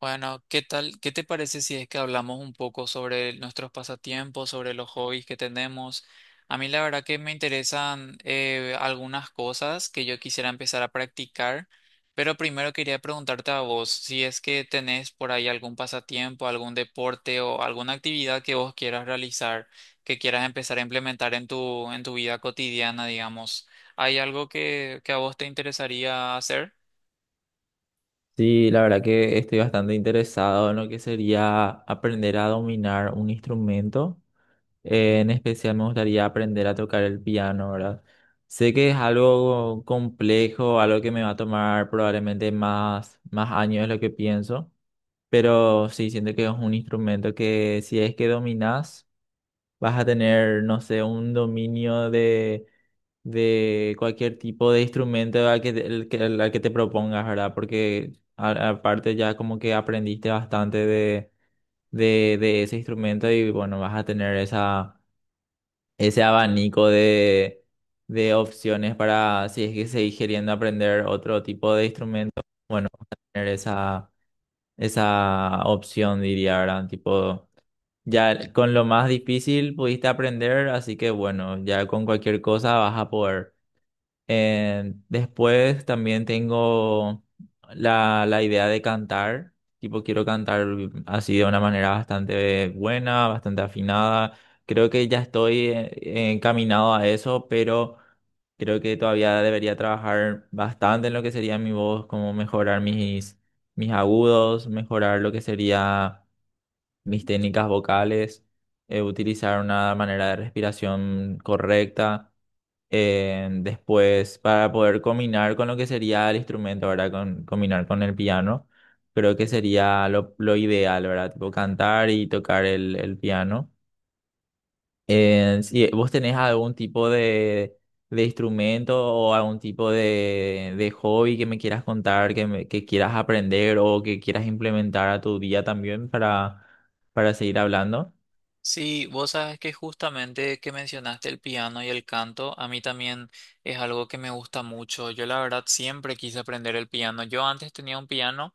Bueno, ¿qué tal? ¿Qué te parece si es que hablamos un poco sobre nuestros pasatiempos, sobre los hobbies que tenemos? A mí la verdad que me interesan algunas cosas que yo quisiera empezar a practicar, pero primero quería preguntarte a vos si es que tenés por ahí algún pasatiempo, algún deporte o alguna actividad que vos quieras realizar, que quieras empezar a implementar en tu vida cotidiana, digamos. ¿Hay algo que a vos te interesaría hacer? Sí, la verdad que estoy bastante interesado en lo que sería aprender a dominar un instrumento. En especial me gustaría aprender a tocar el piano, ¿verdad? Sé que es algo complejo, algo que me va a tomar probablemente más años de lo que pienso, pero sí siento que es un instrumento que si es que dominas vas a tener, no sé, un dominio de cualquier tipo de instrumento al que, te- el, que, al que te propongas, ¿verdad? Porque aparte ya como que aprendiste bastante de ese instrumento y bueno, vas a tener ese abanico de opciones para, si es que seguís queriendo aprender otro tipo de instrumento, bueno, vas a tener esa opción, diría, ¿verdad? Tipo, ya con lo más difícil pudiste aprender, así que bueno, ya con cualquier cosa vas a poder. Después también tengo la idea de cantar, tipo quiero cantar así de una manera bastante buena, bastante afinada. Creo que ya estoy encaminado a eso, pero creo que todavía debería trabajar bastante en lo que sería mi voz, como mejorar mis agudos, mejorar lo que sería mis técnicas vocales, utilizar una manera de respiración correcta. Después, para poder combinar con lo que sería el instrumento, ¿verdad? Combinar con el piano, creo que sería lo ideal, ¿verdad? Tipo cantar y tocar el piano. Si vos tenés algún tipo de instrumento o algún tipo de hobby que me quieras contar, que quieras aprender o que quieras implementar a tu día también para seguir hablando. Sí, vos sabes que justamente que mencionaste el piano y el canto, a mí también es algo que me gusta mucho. Yo la verdad siempre quise aprender el piano. Yo antes tenía un piano,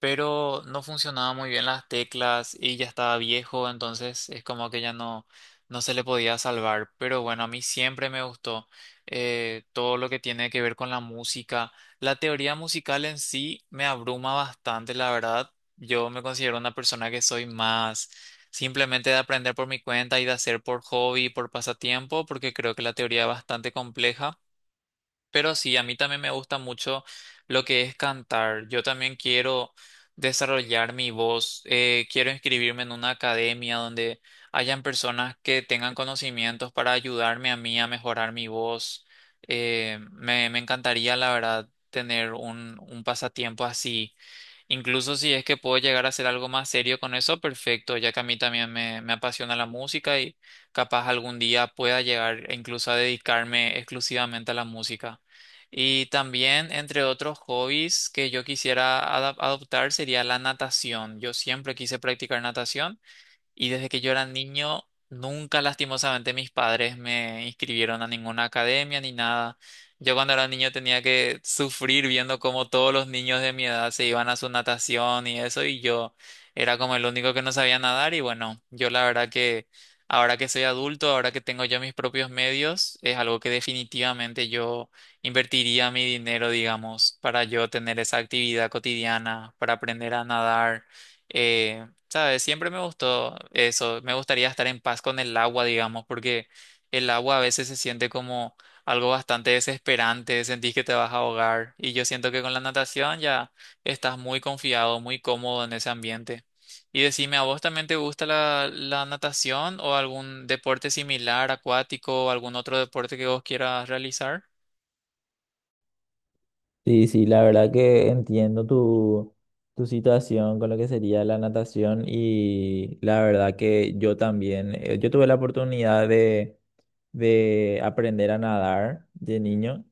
pero no funcionaba muy bien las teclas y ya estaba viejo, entonces es como que ya no se le podía salvar. Pero bueno, a mí siempre me gustó todo lo que tiene que ver con la música. La teoría musical en sí me abruma bastante, la verdad. Yo me considero una persona que soy más simplemente de aprender por mi cuenta y de hacer por hobby, por pasatiempo, porque creo que la teoría es bastante compleja. Pero sí, a mí también me gusta mucho lo que es cantar. Yo también quiero desarrollar mi voz. Quiero inscribirme en una academia donde hayan personas que tengan conocimientos para ayudarme a mí a mejorar mi voz. Me encantaría, la verdad, tener un pasatiempo así. Incluso si es que puedo llegar a hacer algo más serio con eso, perfecto, ya que a mí también me apasiona la música y capaz algún día pueda llegar e incluso a dedicarme exclusivamente a la música. Y también, entre otros hobbies que yo quisiera adoptar, sería la natación. Yo siempre quise practicar natación. Y desde que yo era niño, nunca lastimosamente mis padres me inscribieron a ninguna academia ni nada. Yo cuando era niño tenía que sufrir viendo cómo todos los niños de mi edad se iban a su natación y eso, y yo era como el único que no sabía nadar. Y bueno, yo la verdad que ahora que soy adulto, ahora que tengo yo mis propios medios, es algo que definitivamente yo invertiría mi dinero, digamos, para yo tener esa actividad cotidiana, para aprender a nadar. eh, ¿Sabes? Siempre me gustó eso. Me gustaría estar en paz con el agua, digamos, porque el agua a veces se siente como algo bastante desesperante, sentís que te vas a ahogar. Y yo siento que con la natación ya estás muy confiado, muy cómodo en ese ambiente. Y decime, ¿a vos también te gusta la natación o algún deporte similar, acuático, o algún otro deporte que vos quieras realizar? Sí, sí, la verdad que entiendo tu situación con lo que sería la natación y la verdad que yo también, yo tuve la oportunidad de aprender a nadar de niño.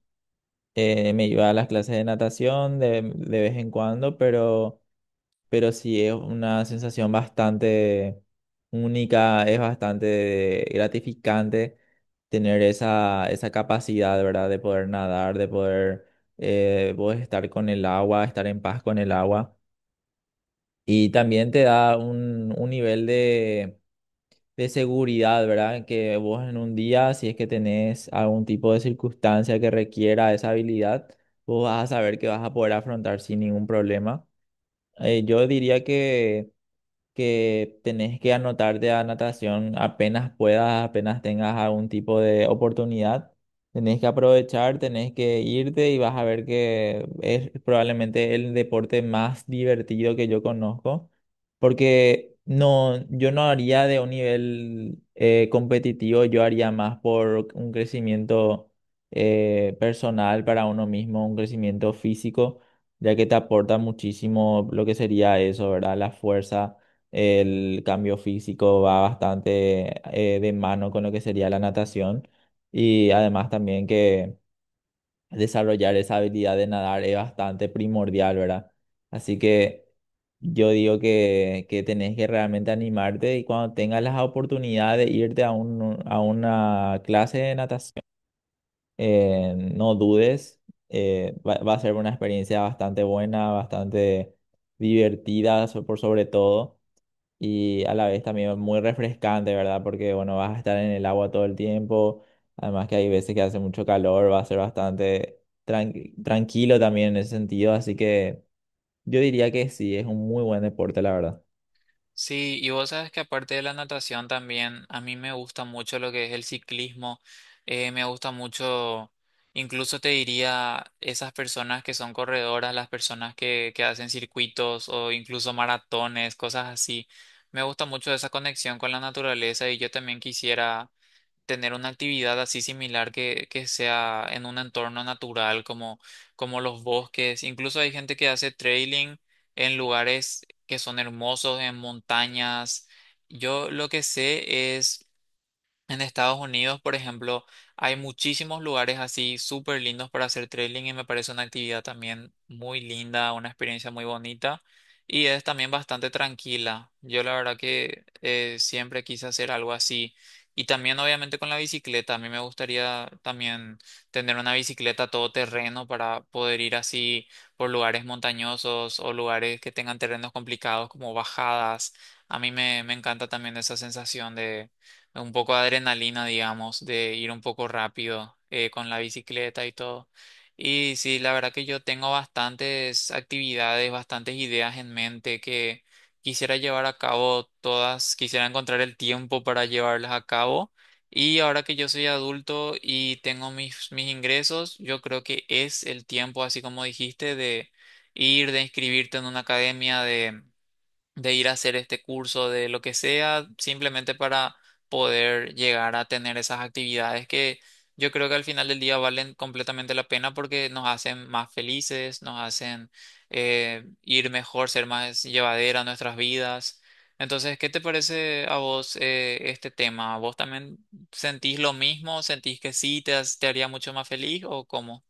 Me iba a las clases de natación de vez en cuando, pero sí es una sensación bastante única, es bastante gratificante tener esa capacidad, ¿verdad? De poder nadar, de poder vos estar con el agua, estar en paz con el agua. Y también te da un nivel de seguridad, ¿verdad? Que vos en un día, si es que tenés algún tipo de circunstancia que requiera esa habilidad, vos vas a saber que vas a poder afrontar sin ningún problema. Yo diría que tenés que anotarte a natación apenas puedas, apenas tengas algún tipo de oportunidad. Tenés que aprovechar, tenés que irte y vas a ver que es probablemente el deporte más divertido que yo conozco, porque no, yo no haría de un nivel competitivo, yo haría más por un crecimiento personal para uno mismo, un crecimiento físico, ya que te aporta muchísimo lo que sería eso, ¿verdad? La fuerza, el cambio físico va bastante de mano con lo que sería la natación y además también que desarrollar esa habilidad de nadar es bastante primordial, ¿verdad? Así que yo digo que tenés que realmente animarte y cuando tengas las oportunidades de irte a, un, a una clase de natación, no dudes, va a ser una experiencia bastante buena, bastante divertida por sobre todo y a la vez también muy refrescante, ¿verdad? Porque, bueno, vas a estar en el agua todo el tiempo, además que hay veces que hace mucho calor, va a ser bastante tranquilo también en ese sentido, así que yo diría que sí, es un muy buen deporte, la verdad. Sí, y vos sabes que aparte de la natación también, a mí me gusta mucho lo que es el ciclismo. Me gusta mucho, incluso te diría, esas personas que son corredoras, las personas que hacen circuitos o incluso maratones, cosas así. Me gusta mucho esa conexión con la naturaleza y yo también quisiera tener una actividad así similar que sea en un entorno natural como los bosques. Incluso hay gente que hace trailing en lugares que son hermosos, en montañas. Yo lo que sé es en Estados Unidos, por ejemplo, hay muchísimos lugares así súper lindos para hacer trailing y me parece una actividad también muy linda, una experiencia muy bonita y es también bastante tranquila. Yo la verdad que siempre quise hacer algo así, y también obviamente con la bicicleta. A mí me gustaría también tener una bicicleta todoterreno para poder ir así por lugares montañosos o lugares que tengan terrenos complicados como bajadas. A mí me encanta también esa sensación un poco de adrenalina, digamos, de ir un poco rápido con la bicicleta y todo. Y sí, la verdad que yo tengo bastantes actividades, bastantes ideas en mente que quisiera llevar a cabo todas, quisiera encontrar el tiempo para llevarlas a cabo. Y ahora que yo soy adulto y tengo mis ingresos, yo creo que es el tiempo, así como dijiste, de ir, de inscribirte en una academia, de ir a hacer este curso, de lo que sea, simplemente para poder llegar a tener esas actividades que yo creo que al final del día valen completamente la pena porque nos hacen más felices, nos hacen ir mejor, ser más llevadera nuestras vidas. Entonces, ¿qué te parece a vos este tema? ¿Vos también sentís lo mismo? ¿Sentís que sí te haría mucho más feliz o cómo?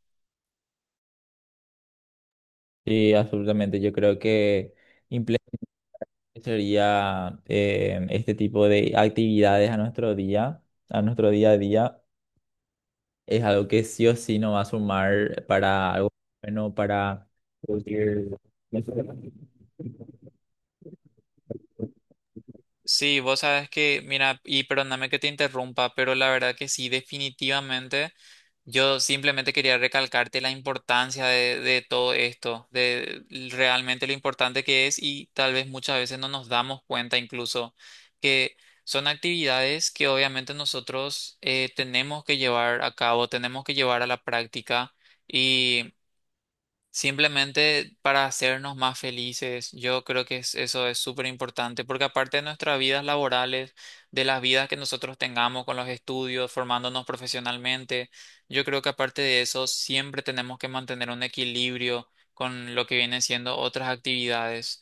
Sí, absolutamente, yo creo que implementaría este tipo de actividades a nuestro día, a nuestro día a día, es algo que sí o sí nos va a sumar para algo bueno, para... producir. Sí, vos sabes que, mira, y perdóname que te interrumpa, pero la verdad que sí, definitivamente. Yo simplemente quería recalcarte la importancia de todo esto, de realmente lo importante que es, y tal vez muchas veces no nos damos cuenta incluso que son actividades que obviamente nosotros tenemos que llevar a cabo, tenemos que llevar a la práctica. Simplemente para hacernos más felices, yo creo eso es súper importante, porque aparte de nuestras vidas laborales, de las vidas que nosotros tengamos con los estudios, formándonos profesionalmente, yo creo que aparte de eso, siempre tenemos que mantener un equilibrio con lo que vienen siendo otras actividades.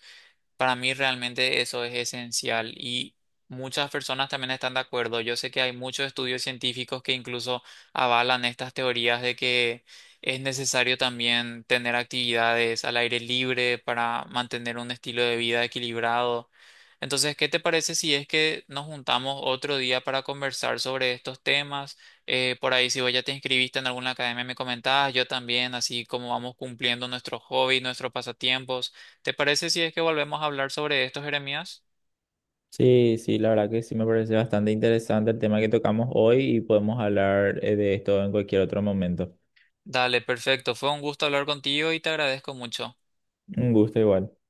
Para mí realmente eso es esencial, y muchas personas también están de acuerdo. Yo sé que hay muchos estudios científicos que incluso avalan estas teorías de que es necesario también tener actividades al aire libre para mantener un estilo de vida equilibrado. Entonces, ¿qué te parece si es que nos juntamos otro día para conversar sobre estos temas? Por ahí, si vos ya te inscribiste en alguna academia, me comentabas, yo también, así como vamos cumpliendo nuestros hobbies, nuestros pasatiempos. ¿Te parece si es que volvemos a hablar sobre esto, Jeremías? Sí, sí, la verdad que sí me parece bastante interesante el tema que tocamos hoy y podemos hablar de esto en cualquier otro momento. Dale, perfecto. Fue un gusto hablar contigo y te agradezco mucho. Un gusto igual.